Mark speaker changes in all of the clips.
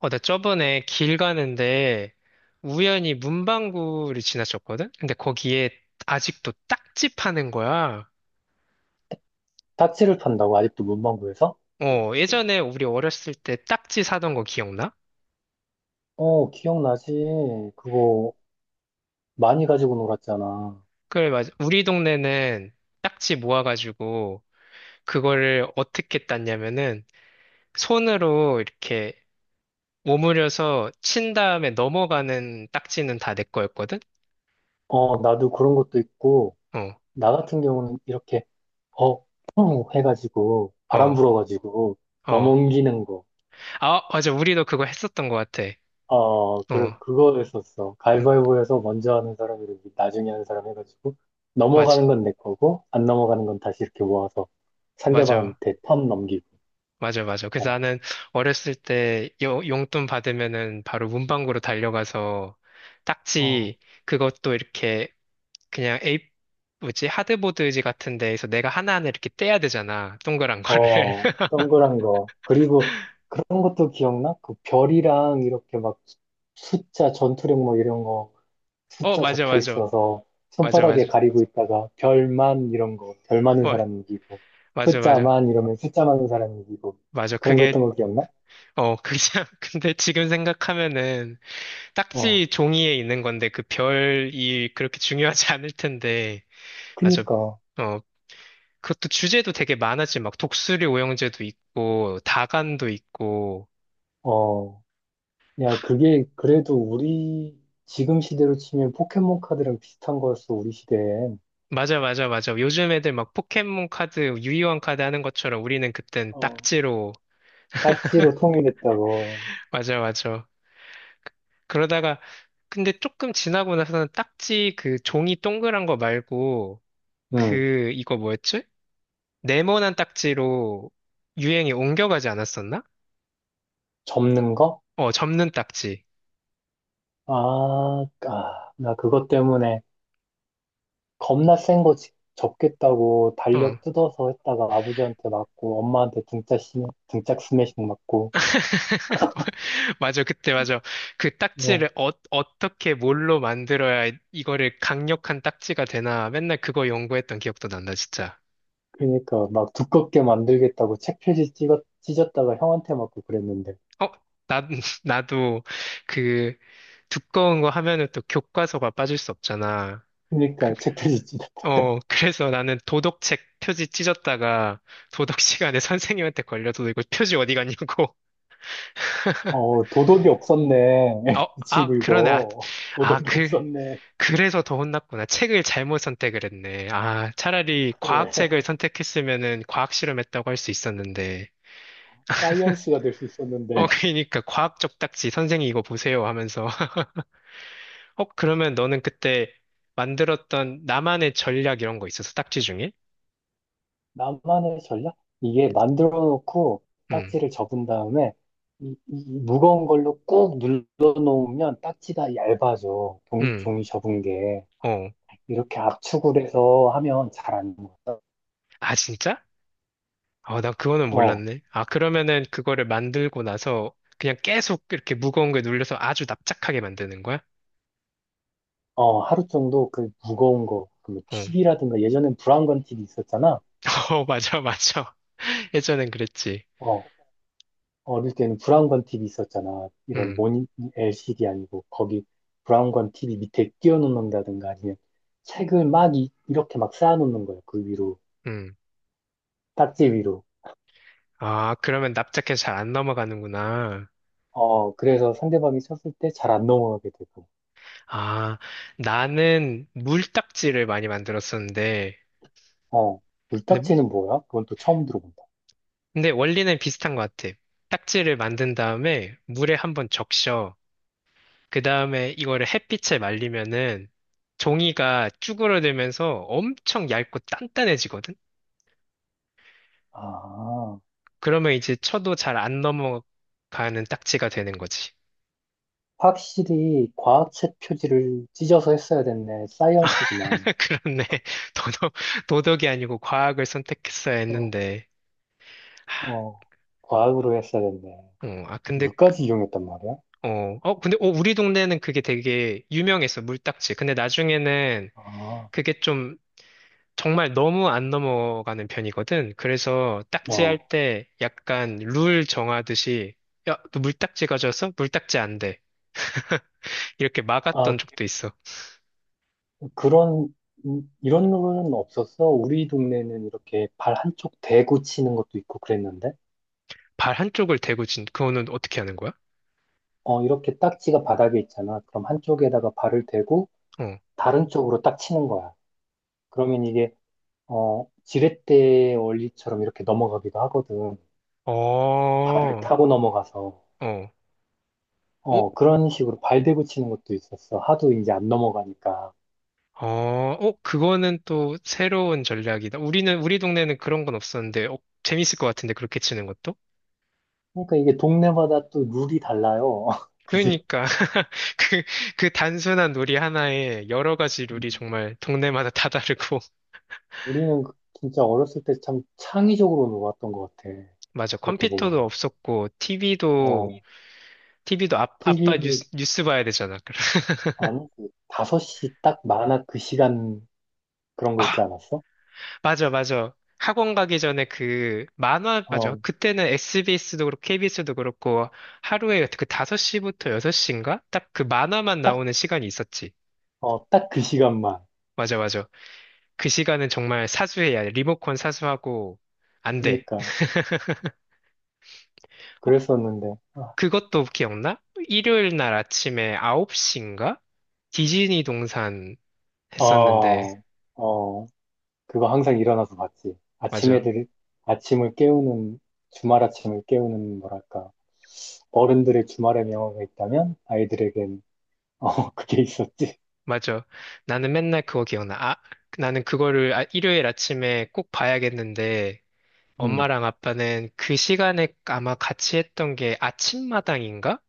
Speaker 1: 나 저번에 길 가는데 우연히 문방구를 지나쳤거든? 근데 거기에 아직도 딱지 파는 거야.
Speaker 2: 딱지를 판다고 아직도 문방구에서?
Speaker 1: 예전에 우리 어렸을 때 딱지 사던 거 기억나?
Speaker 2: 어, 기억나지. 그거 많이 가지고 놀았잖아.
Speaker 1: 그래, 맞아. 우리 동네는 딱지 모아가지고 그거를 어떻게 땄냐면은 손으로 이렇게 오므려서 친 다음에 넘어가는 딱지는 다 내 거였거든?
Speaker 2: 어, 나도 그런 것도 있고,
Speaker 1: 어,
Speaker 2: 나 같은 경우는 이렇게, 어, 펑 해가지고, 바람
Speaker 1: 어,
Speaker 2: 불어가지고,
Speaker 1: 어.
Speaker 2: 넘어옮기는 거.
Speaker 1: 아, 어, 맞아. 우리도 그거 했었던 것 같아.
Speaker 2: 어, 그,
Speaker 1: 어,
Speaker 2: 그거 했었어.
Speaker 1: 음,
Speaker 2: 가위바위보에서 먼저 하는 사람이 이렇게 나중에 하는 사람 해가지고,
Speaker 1: 맞아.
Speaker 2: 넘어가는 건 내 거고, 안 넘어가는 건 다시 이렇게 모아서
Speaker 1: 맞아.
Speaker 2: 상대방한테 턴 넘기고.
Speaker 1: 맞아, 맞아. 그래서
Speaker 2: 어,
Speaker 1: 나는 어렸을 때 용돈 받으면은 바로 문방구로 달려가서
Speaker 2: 어,
Speaker 1: 딱지 그것도 이렇게 그냥 에이, 뭐지? 하드보드지 같은 데에서 내가 하나하나 이렇게 떼야 되잖아. 동그란 거를.
Speaker 2: 어, 동그란 거. 그리고 그런 것도 기억나? 그 별이랑 이렇게 막 숫자, 전투력 뭐 이런 거
Speaker 1: 어,
Speaker 2: 숫자
Speaker 1: 맞아,
Speaker 2: 적혀
Speaker 1: 맞아.
Speaker 2: 있어서
Speaker 1: 맞아,
Speaker 2: 손바닥에
Speaker 1: 맞아.
Speaker 2: 가리고 있다가 별만 이런 거, 별 많은
Speaker 1: 어,
Speaker 2: 사람 이기고
Speaker 1: 맞아, 맞아.
Speaker 2: 숫자만 이러면 숫자 많은 사람 이기고
Speaker 1: 맞아.
Speaker 2: 그런 거
Speaker 1: 그게,
Speaker 2: 했던 거 기억나?
Speaker 1: 그냥, 근데 지금 생각하면은
Speaker 2: 어,
Speaker 1: 딱지 종이에 있는 건데 그 별이 그렇게 중요하지 않을 텐데. 맞아.
Speaker 2: 그니까,
Speaker 1: 어, 그것도 주제도 되게 많았지. 막 독수리 오형제도 있고, 다간도 있고.
Speaker 2: 어, 야, 그게 그래도 우리 지금 시대로 치면 포켓몬 카드랑 비슷한 거였어, 우리 시대엔.
Speaker 1: 맞아, 맞아, 맞아. 요즘 애들 막 포켓몬 카드, 유희왕 카드 하는 것처럼 우리는 그땐
Speaker 2: 어,
Speaker 1: 딱지로.
Speaker 2: 딱지로 통일했다고.
Speaker 1: 맞아, 맞아. 그러다가, 근데 조금 지나고 나서는 딱지 그 종이 동그란 거 말고,
Speaker 2: 응,
Speaker 1: 그, 이거 뭐였지? 네모난 딱지로 유행이 옮겨가지 않았었나?
Speaker 2: 접는 거?
Speaker 1: 어, 접는 딱지.
Speaker 2: 아, 아, 나 그것 때문에 겁나 센 거 접겠다고
Speaker 1: 어.
Speaker 2: 달력 뜯어서 했다가 아버지한테 맞고 엄마한테 등짝 스매싱 맞고.
Speaker 1: 맞아, 그때 맞아. 그
Speaker 2: 어
Speaker 1: 딱지를 어떻게 뭘로 만들어야 이거를 강력한 딱지가 되나 맨날 그거 연구했던 기억도 난다, 진짜.
Speaker 2: 그러니까 막 두껍게 만들겠다고 책 표지 었 찢었다가 형한테 맞고 그랬는데.
Speaker 1: 어, 나, 나도 그 두꺼운 거 하면은 또 교과서가 빠질 수 없잖아. 그,
Speaker 2: 그러니까 책 표지 찢었다가
Speaker 1: 그래서 나는 도덕책 표지 찢었다가 도덕 시간에 선생님한테 걸려서 너 이거 표지 어디 갔냐고.
Speaker 2: 어, 도덕이 없었네.
Speaker 1: 어,
Speaker 2: 이
Speaker 1: 아,
Speaker 2: 친구
Speaker 1: 그러네. 아,
Speaker 2: 이거
Speaker 1: 아,
Speaker 2: 도덕이 없었네.
Speaker 1: 그래서 더 혼났구나. 책을 잘못 선택을 했네. 아, 차라리
Speaker 2: 그래.
Speaker 1: 과학책을 선택했으면은 과학 실험했다고 할 수 있었는데.
Speaker 2: 사이언스가 될 수
Speaker 1: 어,
Speaker 2: 있었는데.
Speaker 1: 그러니까 과학적 딱지 선생님 이거 보세요 하면서. 어, 그러면 너는 그때 만들었던 나만의 전략 이런 거 있었어? 딱지 중에?
Speaker 2: 나만의 전략? 이게 만들어 놓고
Speaker 1: 응,
Speaker 2: 딱지를 접은 다음에 이 무거운 걸로 꾹 눌러 놓으면 딱지가 얇아져.
Speaker 1: 응,
Speaker 2: 종이 접은 게.
Speaker 1: 어.
Speaker 2: 이렇게 압축을 해서 하면 잘 안 먹어.
Speaker 1: 아, 진짜? 어, 나 그거는
Speaker 2: 어,
Speaker 1: 몰랐네. 아, 그러면은 그거를 만들고 나서 그냥 계속 이렇게 무거운 거에 눌려서 아주 납작하게 만드는 거야?
Speaker 2: 어, 하루 정도 그 무거운 거, 그
Speaker 1: 어.
Speaker 2: TV라든가 예전엔 브라운관 TV 있었잖아.
Speaker 1: 어, 맞아, 맞아. 예전엔 그랬지.
Speaker 2: 어, 어릴 때는 브라운관 TV 있었잖아. 이런
Speaker 1: 음,
Speaker 2: 모니, LCD 아니고 거기 브라운관 TV 밑에 끼워 놓는다든가 아니면 책을 막 렇게막 쌓아놓는 거야. 그 위로
Speaker 1: 음.
Speaker 2: 딱지 위로.
Speaker 1: 아, 그러면 납작해서 잘 안 넘어가는구나.
Speaker 2: 어, 그래서 상대방이 쳤을 때 잘 안 넘어가게 되고.
Speaker 1: 아, 나는 물딱지를 많이 만들었었는데,
Speaker 2: 어,
Speaker 1: 근데,
Speaker 2: 물딱지는 뭐야? 그건 또 처음 들어본다.
Speaker 1: 근데 원리는 비슷한 것 같아. 딱지를 만든 다음에 물에 한번 적셔. 그 다음에 이거를 햇빛에 말리면은 종이가 쭈그러들면서 엄청 얇고 단단해지거든?
Speaker 2: 아,
Speaker 1: 그러면 이제 쳐도 잘 안 넘어가는 딱지가 되는 거지.
Speaker 2: 확실히 과학책 표지를 찢어서 했어야 됐네. 사이언스구만.
Speaker 1: 그렇네. 도덕, 도덕이 아니고 과학을 선택했어야
Speaker 2: 어,
Speaker 1: 했는데.
Speaker 2: 어, 과학으로 했어야 됐네.
Speaker 1: 어, 아, 근데,
Speaker 2: 물까지 이용했단 말이야?
Speaker 1: 어, 어, 근데, 어, 우리 동네는 그게 되게 유명했어, 물딱지. 근데 나중에는
Speaker 2: 아,
Speaker 1: 그게 좀 정말 너무 안 넘어가는 편이거든. 그래서 딱지 할
Speaker 2: 어,
Speaker 1: 때 약간 룰 정하듯이, 야, 너 물딱지 가져왔어? 물딱지 안 돼. 이렇게
Speaker 2: 아,
Speaker 1: 막았던 적도 있어.
Speaker 2: 그런, 이런 룰은 없었어. 우리 동네는 이렇게 발 한쪽 대고 치는 것도 있고 그랬는데.
Speaker 1: 발 한쪽을 대고 그거는 어떻게 하는 거야?
Speaker 2: 어, 이렇게 딱지가 바닥에 있잖아. 그럼 한쪽에다가 발을 대고
Speaker 1: 어,
Speaker 2: 다른 쪽으로 딱 치는 거야. 그러면 이게 지렛대 원리처럼 이렇게 넘어가기도 하거든. 발을
Speaker 1: 어,
Speaker 2: 타고 넘어가서
Speaker 1: 어. 어,
Speaker 2: 그런 식으로 발 대고 치는 것도 있었어. 하도 이제 안 넘어가니까.
Speaker 1: 어, 어, 그거는 또 새로운 전략이다. 우리 동네는 그런 건 없었는데, 재밌을 것 같은데, 그렇게 치는 것도?
Speaker 2: 그러니까 이게 동네마다 또 룰이 달라요. 그지?
Speaker 1: 그러니까, 그, 그 단순한 놀이 하나에 여러 가지
Speaker 2: 음.
Speaker 1: 룰이 정말 동네마다 다 다르고.
Speaker 2: 우리는 진짜 어렸을 때 참 창의적으로 놀았던 것 같아.
Speaker 1: 맞아.
Speaker 2: 그렇게
Speaker 1: 컴퓨터도
Speaker 2: 보면.
Speaker 1: 없었고,
Speaker 2: 어,
Speaker 1: TV도 아,
Speaker 2: 티비
Speaker 1: 아빠
Speaker 2: 도
Speaker 1: 뉴스 봐야 되잖아. 그래.
Speaker 2: 아니, 그 5시 딱 만화 그 시간 그런
Speaker 1: 아,
Speaker 2: 거 있지 않았어?
Speaker 1: 맞아, 맞아. 학원 가기 전에 그 만화, 맞아.
Speaker 2: 어,
Speaker 1: 그때는 SBS도 그렇고, KBS도 그렇고, 하루에 그 5시부터 6시인가? 딱 그 만화만
Speaker 2: 딱,
Speaker 1: 나오는 시간이 있었지.
Speaker 2: 딱 그 시간만.
Speaker 1: 맞아, 맞아. 그 시간은 정말 사수해야 돼. 리모컨 사수하고, 안 돼.
Speaker 2: 그니까.
Speaker 1: 어,
Speaker 2: 그랬었는데,
Speaker 1: 그것도 기억나? 일요일 날 아침에 9시인가? 디즈니 동산 했었는데,
Speaker 2: 어, 어, 그거 항상 일어나서 봤지.
Speaker 1: 맞아,
Speaker 2: 아침을 깨우는, 주말 아침을 깨우는, 뭐랄까, 어른들의 주말의 명언가 있다면, 아이들에겐, 어, 그게 있었지.
Speaker 1: 맞아. 나는 맨날 그거 기억나. 아, 나는 그거를 일요일 아침에 꼭 봐야겠는데,
Speaker 2: 음,
Speaker 1: 엄마랑 아빠는 그 시간에 아마 같이 했던 게 아침마당인가?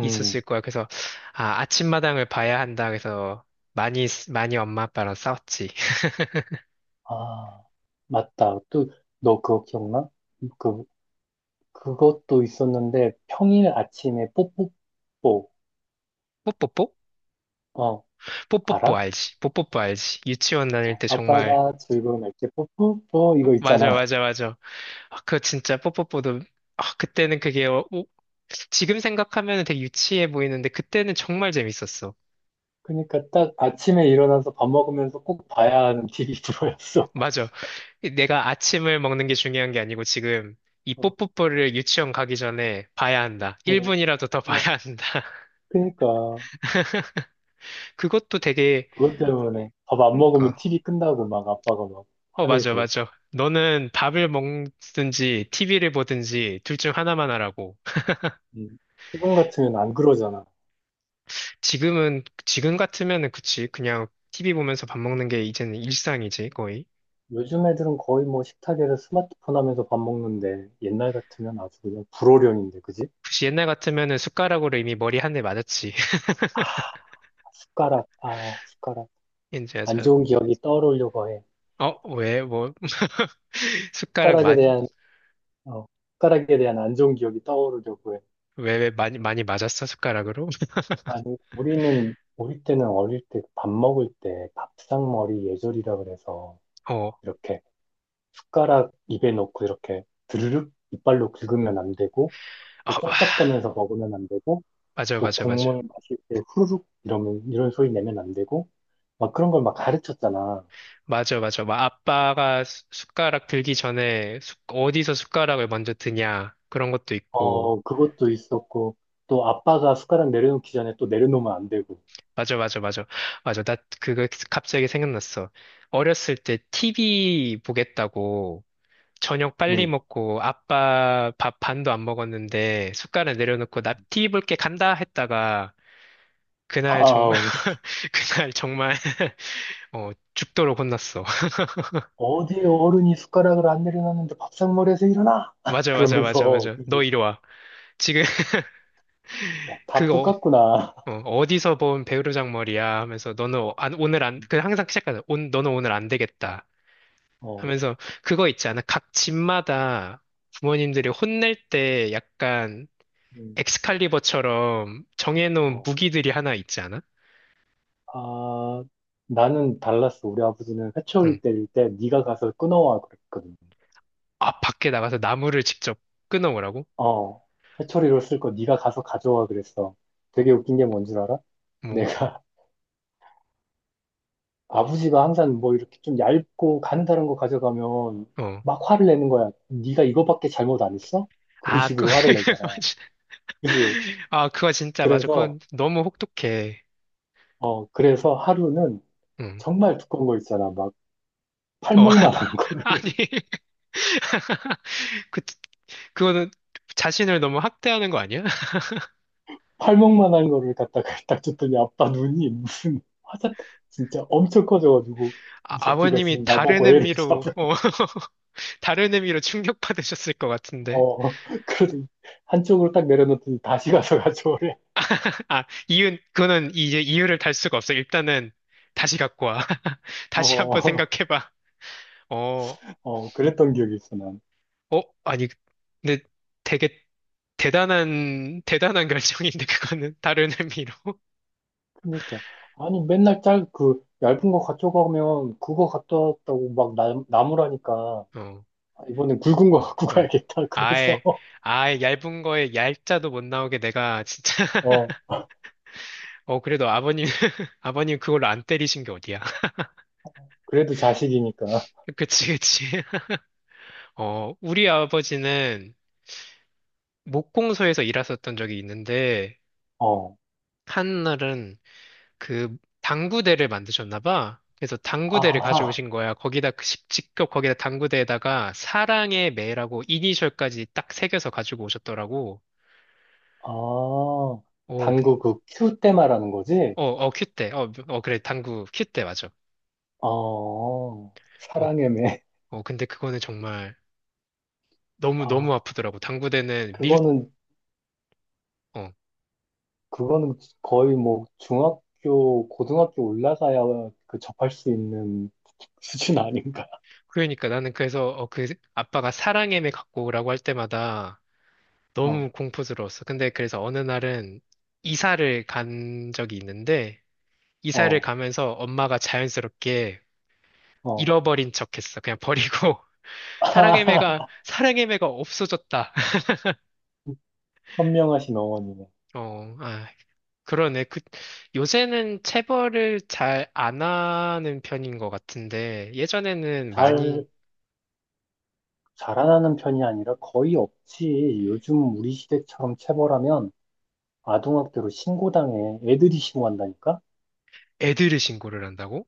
Speaker 1: 있었을 거야. 그래서, 아, 아침마당을 봐야 한다. 그래서, 많이, 많이 엄마 아빠랑 싸웠지.
Speaker 2: 아, 맞다. 또, 너 그거 기억나? 그, 그것도 있었는데, 평일 아침에 뽀뽀뽀,
Speaker 1: 뽀뽀뽀?
Speaker 2: 어,
Speaker 1: 뽀뽀뽀
Speaker 2: 알아?
Speaker 1: 알지? 뽀뽀뽀 알지? 유치원 다닐
Speaker 2: 어,
Speaker 1: 때 정말
Speaker 2: 아빠가 즐거운 날때 뽀뽀뽀,
Speaker 1: 어,
Speaker 2: 이거
Speaker 1: 맞아
Speaker 2: 있잖아.
Speaker 1: 맞아 맞아. 아, 그거 진짜 뽀뽀뽀도 아, 그때는 그게 지금 생각하면 되게 유치해 보이는데 그때는 정말 재밌었어.
Speaker 2: 그러니까 딱 아침에 일어나서 밥 먹으면서 꼭 봐야 하는 TV 프로였어.
Speaker 1: 맞아. 내가 아침을 먹는 게 중요한 게 아니고 지금 이 뽀뽀뽀를 유치원 가기 전에 봐야 한다.
Speaker 2: 어,
Speaker 1: 1분이라도 더
Speaker 2: 어, 어.
Speaker 1: 봐야 한다.
Speaker 2: 그러니까
Speaker 1: 그것도 되게
Speaker 2: 그것 때문에 밥 안 먹으면
Speaker 1: 그러니까
Speaker 2: TV 끈다고 막 아빠가 막
Speaker 1: 어 맞아
Speaker 2: 화내고.
Speaker 1: 맞아. 너는 밥을 먹든지 TV를 보든지 둘 중 하나만 하라고.
Speaker 2: 음. 지금 같으면 안 그러잖아.
Speaker 1: 지금 같으면은 그치. 그냥 TV 보면서 밥 먹는 게 이제는 일상이지, 거의.
Speaker 2: 요즘 애들은 거의 뭐 식탁에서 스마트폰 하면서 밥 먹는데 옛날 같으면 아주 그냥 불호령인데, 그지?
Speaker 1: 굳이 옛날 같으면은 숟가락으로 이미 머리 한 대 맞았지.
Speaker 2: 숟가락, 아, 숟가락. 안
Speaker 1: 이제서.
Speaker 2: 좋은 기억이 떠오르려고 해.
Speaker 1: 어, 왜, 뭐, 숟가락
Speaker 2: 숟가락에
Speaker 1: 많이,
Speaker 2: 대한, 어, 숟가락에 대한 안 좋은 기억이 떠오르려고 해.
Speaker 1: 왜 많이, 많이 맞았어, 숟가락으로?
Speaker 2: 아니, 우리는 어릴 때 밥 먹을 때 밥상머리 예절이라 그래서
Speaker 1: 어, 어,
Speaker 2: 이렇게 숟가락 입에 넣고 이렇게 드르륵 이빨로 긁으면 안 되고 또
Speaker 1: 와.
Speaker 2: 쩝쩝대면서 먹으면 안 되고
Speaker 1: 맞아,
Speaker 2: 또
Speaker 1: 맞아, 맞아.
Speaker 2: 국물 마실 때 후루룩 이러면 이런 소리 내면 안 되고 막 그런 걸 막 가르쳤잖아.
Speaker 1: 맞아, 맞아. 막 아빠가 숟가락 들기 전에 어디서 숟가락을 먼저 드냐, 그런 것도 있고.
Speaker 2: 어, 그것도 있었고 또 아빠가 숟가락 내려놓기 전에 또 내려놓으면 안 되고.
Speaker 1: 맞아, 맞아, 맞아. 맞아. 나 그거 갑자기 생각났어. 어렸을 때 TV 보겠다고 저녁 빨리
Speaker 2: 응.
Speaker 1: 먹고 아빠 밥 반도 안 먹었는데 숟가락 내려놓고 나 TV 볼게 간다 했다가 그날 정말,
Speaker 2: 아,
Speaker 1: 그날 정말, 어, 죽도록 혼났어.
Speaker 2: 어디 어른이 숟가락을 안 내려놨는데 밥상머리에서 일어나!
Speaker 1: 맞아, 맞아, 맞아,
Speaker 2: 그러면서
Speaker 1: 맞아.
Speaker 2: 그치?
Speaker 1: 너 이리 와. 지금
Speaker 2: 야, 다
Speaker 1: 그거
Speaker 2: 똑같구나.
Speaker 1: 어디서 본 배우로장 머리야 하면서 너는 오늘 안, 그 항상 시작하잖아. 너는 오늘 안 되겠다.
Speaker 2: 어,
Speaker 1: 하면서 그거 있지 않아? 각 집마다 부모님들이 혼낼 때 약간
Speaker 2: 음,
Speaker 1: 엑스칼리버처럼 정해놓은
Speaker 2: 어.
Speaker 1: 무기들이 하나 있지 않아?
Speaker 2: 아, 나는 달랐어. 우리 아버지는 회초리
Speaker 1: 응.
Speaker 2: 때릴 때 네가 가서 끊어와 그랬거든.
Speaker 1: 아, 밖에 나가서 나무를 직접 끊어오라고?
Speaker 2: 어, 회초리로 쓸 거 네가 가서 가져와 그랬어. 되게 웃긴 게 뭔 줄 알아?
Speaker 1: 뭐,
Speaker 2: 내가 아버지가 항상 뭐 이렇게 좀 얇고 가느다란 거 가져가면
Speaker 1: 어.
Speaker 2: 막 화를 내는 거야. 네가 이거밖에 잘못 안 했어? 그런
Speaker 1: 아, 그,
Speaker 2: 식으로 화를 내잖아.
Speaker 1: 맞아.
Speaker 2: 그지?
Speaker 1: 아, 그거 진짜 맞아.
Speaker 2: 그래서
Speaker 1: 그건 너무 혹독해.
Speaker 2: 그래서 하루는
Speaker 1: 응.
Speaker 2: 정말 두꺼운 거 있잖아. 막
Speaker 1: 어,
Speaker 2: 팔목만한 거.
Speaker 1: 아니. 그, 그거는 자신을 너무 학대하는 거 아니야?
Speaker 2: 팔목만한 거를 갖다가 딱 줬더니 아빠 눈이 무슨 화자 진짜 엄청 커져가지고. 이
Speaker 1: 아,
Speaker 2: 새끼가
Speaker 1: 버님이
Speaker 2: 지금
Speaker 1: 다른
Speaker 2: 나보고 애를
Speaker 1: 의미로,
Speaker 2: 잡으라.
Speaker 1: 다른 의미로 충격받으셨을 것 같은데.
Speaker 2: 어 그러더니 한쪽으로 딱 내려놓더니 다시 가서 가져오래.
Speaker 1: 아, 그거는 이제 이유를 달 수가 없어. 일단은 다시 갖고 와.
Speaker 2: 어,
Speaker 1: 다시 한번
Speaker 2: 어 어.
Speaker 1: 생각해봐. 어,
Speaker 2: 어, 그랬던 기억이 있어 난.
Speaker 1: 어, 아니, 근데 되게 대단한, 대단한 결정인데, 그거는 다른 의미로.
Speaker 2: 그러니까 아니 맨날 짤 그 얇은 거 가져가면 그거 갖다 왔다고 막 나무라니까
Speaker 1: 어,
Speaker 2: 아, 이번엔 굵은 거 갖고
Speaker 1: 헐.
Speaker 2: 가야겠다 그래서.
Speaker 1: 아예, 아예 얇은 거에 얄자도 못 나오게 내가 진짜.
Speaker 2: 어,
Speaker 1: 어, 그래도 아버님, 아버님 그걸로 안 때리신 게 어디야.
Speaker 2: 그래도 자식이니까.
Speaker 1: 그치, 그치. 어, 우리 아버지는 목공소에서 일하셨던 적이 있는데,
Speaker 2: 어,
Speaker 1: 한날은 그 당구대를 만드셨나 봐. 그래서 당구대를
Speaker 2: 아,
Speaker 1: 가져오신 거야. 거기다, 그 직접 거기다 당구대에다가 사랑의 매라고 이니셜까지 딱 새겨서 가지고 오셨더라고.
Speaker 2: 아,
Speaker 1: 어, 근,
Speaker 2: 당구 그 큐 때 말하는 거지?
Speaker 1: 어, 어, 큐대. 어, 어, 그래, 당구, 큐대 맞아.
Speaker 2: 어,
Speaker 1: 어,
Speaker 2: 사랑의 매.
Speaker 1: 어, 근데 그거는 정말 너무,
Speaker 2: 아,
Speaker 1: 너무 아프더라고. 당구대는 밀,
Speaker 2: 그거는,
Speaker 1: 어,
Speaker 2: 그거는 거의 뭐 중학교, 고등학교 올라가야 그 접할 수 있는 수준 아닌가?
Speaker 1: 그러니까 나는 그래서 아빠가 사랑해매 갖고 오라고 할 때마다
Speaker 2: 어,
Speaker 1: 너무 공포스러웠어. 근데 그래서 어느 날은 이사를 간 적이 있는데 이사를
Speaker 2: 어,
Speaker 1: 가면서 엄마가 자연스럽게
Speaker 2: 어.
Speaker 1: 잃어버린 척했어. 그냥 버리고 사랑해매가 없어졌다.
Speaker 2: 현명하신 어머니네.
Speaker 1: 어, 아, 그러네. 요새는 체벌을 잘 안 하는 편인 것 같은데 예전에는 많이
Speaker 2: 잘, 자라나는 편이 아니라 거의 없지. 요즘 우리 시대처럼 체벌하면 아동학대로 신고당해. 애들이 신고한다니까?
Speaker 1: 애들을 신고를 한다고?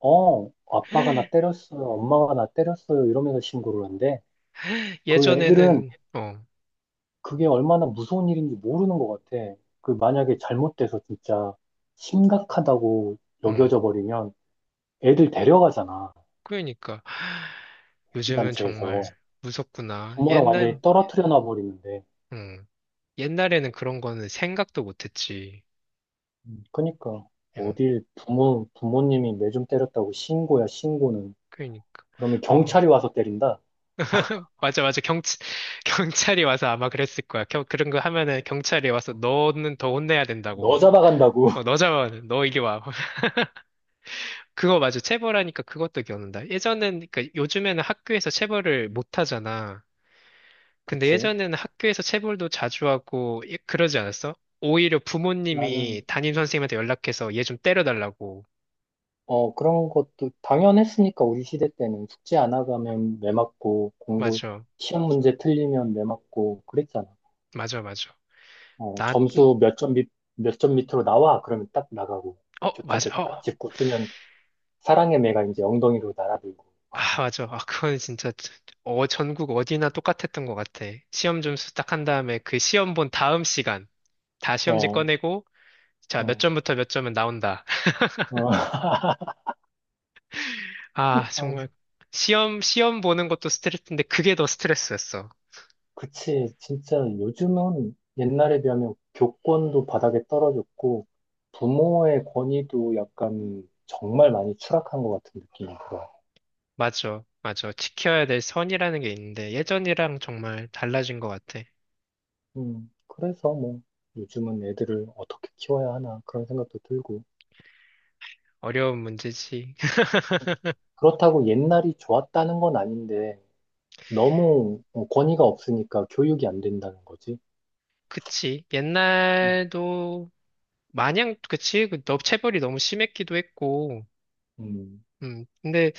Speaker 2: 어, 아빠가 나 때렸어요. 엄마가 나 때렸어요. 이러면서 신고를 한대. 그 애들은
Speaker 1: 예전에는
Speaker 2: 그게 얼마나 무서운 일인지 모르는 것 같아. 그 만약에 잘못돼서 진짜 심각하다고
Speaker 1: 음.
Speaker 2: 여겨져 버리면 애들 데려가잖아.
Speaker 1: 그러니까
Speaker 2: 이
Speaker 1: 요즘은
Speaker 2: 단체에서.
Speaker 1: 정말 무섭구나.
Speaker 2: 부모랑 완전히 떨어뜨려 놔 버리는데.
Speaker 1: 음, 옛날에는 그런 거는 생각도 못했지.
Speaker 2: 그러니까
Speaker 1: 음,
Speaker 2: 어딜 부모님이 매 좀 때렸다고 신고야, 신고는.
Speaker 1: 그러니까.
Speaker 2: 그러면
Speaker 1: 어,
Speaker 2: 경찰이 와서 때린다?
Speaker 1: 맞아, 맞아. 경, 경찰이 와서 아마 그랬을 거야. 그런 거 하면은 경찰이 와서 너는 더 혼내야
Speaker 2: 너
Speaker 1: 된다고.
Speaker 2: 잡아간다고.
Speaker 1: 어, 너 잡아는 너 이리 와. 그거 맞아. 체벌하니까 그것도 기억난다. 예전엔, 그러니까 요즘에는 학교에서 체벌을 못 하잖아. 근데
Speaker 2: 그치?
Speaker 1: 예전에는 학교에서 체벌도 자주 하고 그러지 않았어? 오히려
Speaker 2: 나는
Speaker 1: 부모님이 담임 선생님한테 연락해서 얘 좀 때려달라고.
Speaker 2: 그런 것도 당연했으니까 우리 시대 때는 숙제 안 하가면 매 맞고 공부
Speaker 1: 맞아,
Speaker 2: 시험 문제 틀리면 매 맞고 그랬잖아.
Speaker 1: 맞아, 맞아.
Speaker 2: 어,
Speaker 1: 나,
Speaker 2: 점수 몇 점 밑으로 나와 그러면 딱 나가고
Speaker 1: 어, 맞아,
Speaker 2: 좋다게
Speaker 1: 어,
Speaker 2: 딱 짚고 쓰면 사랑의 매가 이제 엉덩이로 날아들고.
Speaker 1: 아, 맞아. 아, 그건 진짜 전국 어디나 똑같았던 것 같아. 시험 점수 딱 한 다음에 그 시험 본 다음 시간 다 시험지
Speaker 2: 어,
Speaker 1: 꺼내고 자, 몇
Speaker 2: 어,
Speaker 1: 점부터 몇 점은 나온다.
Speaker 2: 어.
Speaker 1: 아,
Speaker 2: 아,
Speaker 1: 정말 시험 보는 것도 스트레스인데 그게 더 스트레스였어.
Speaker 2: 그치. 진짜 요즘은 옛날에 비하면 교권도 바닥에 떨어졌고 부모의 권위도 약간 정말 많이 추락한 것 같은 느낌이 들어.
Speaker 1: 맞아, 맞아. 지켜야 될 선이라는 게 있는데 예전이랑 정말 달라진 것 같아.
Speaker 2: 그래서 뭐 요즘은 애들을 어떻게 키워야 하나 그런 생각도 들고.
Speaker 1: 어려운 문제지.
Speaker 2: 어, 그렇다고 옛날이 좋았다는 건 아닌데 너무 권위가 없으니까 교육이 안 된다는 거지.
Speaker 1: 그치.
Speaker 2: 음,
Speaker 1: 옛날도 마냥 그치. 체벌이 너무 심했기도 했고.
Speaker 2: 음,
Speaker 1: 근데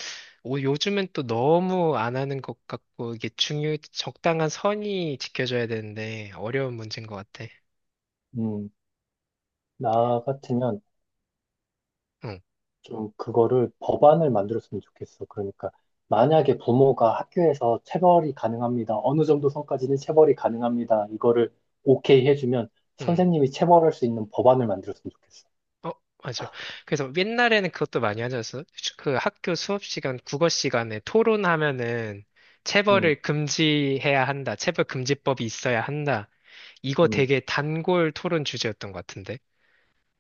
Speaker 1: 요즘은 또 너무 안 하는 것 같고 이게 중요 적당한 선이 지켜져야 되는데 어려운 문제인 것 같아.
Speaker 2: 음, 나 같으면
Speaker 1: 응,
Speaker 2: 좀 그거를 법안을 만들었으면 좋겠어. 그러니까 만약에 부모가 학교에서 체벌이 가능합니다. 어느 정도 선까지는 체벌이 가능합니다. 이거를 오케이 해주면
Speaker 1: 응.
Speaker 2: 선생님이 체벌할 수 있는 법안을 만들었으면 좋겠어.
Speaker 1: 어, 맞아. 그래서 옛날에는 그것도 많이 하지 않았어? 그 학교 수업 시간, 국어 시간에 토론하면은
Speaker 2: 음,
Speaker 1: 체벌을 금지해야 한다. 체벌 금지법이 있어야 한다. 이거
Speaker 2: 음.
Speaker 1: 되게 단골 토론 주제였던 것 같은데.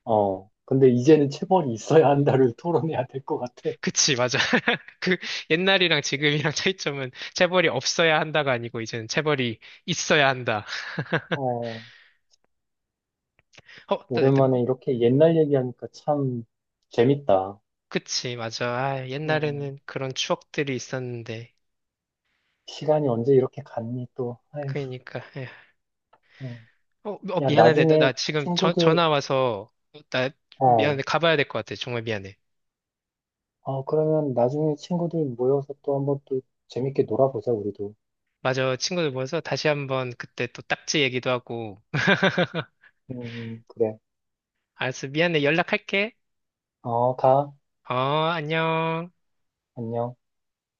Speaker 2: 어, 근데 이제는 체벌이 있어야 한다를 토론해야 될 것 같아.
Speaker 1: 그치, 맞아. 그 옛날이랑 지금이랑 차이점은 체벌이 없어야 한다가 아니고 이제는 체벌이 있어야 한다.
Speaker 2: 어,
Speaker 1: 어,
Speaker 2: 오랜만에 이렇게 옛날 얘기하니까 참 재밌다.
Speaker 1: 그치, 맞아. 아,
Speaker 2: 어,
Speaker 1: 옛날에는 그런 추억들이 있었는데.
Speaker 2: 시간이 언제 이렇게 갔니 또. 아휴,
Speaker 1: 그러니까. 예.
Speaker 2: 어.
Speaker 1: 어, 어,
Speaker 2: 야,
Speaker 1: 미안한데,
Speaker 2: 나중에
Speaker 1: 나 지금
Speaker 2: 친구들,
Speaker 1: 전화 와서, 나 미안해,
Speaker 2: 어,
Speaker 1: 가봐야 될 것 같아. 정말 미안해.
Speaker 2: 어, 그러면 나중에 친구들 모여서 또 한번 또 재밌게 놀아보자, 우리도.
Speaker 1: 맞아, 친구들 모여서 다시 한번 그때 또 딱지 얘기도 하고.
Speaker 2: 그래.
Speaker 1: 알았어, 미안해, 연락할게.
Speaker 2: 어, 가.
Speaker 1: 어, 안녕.
Speaker 2: 안녕.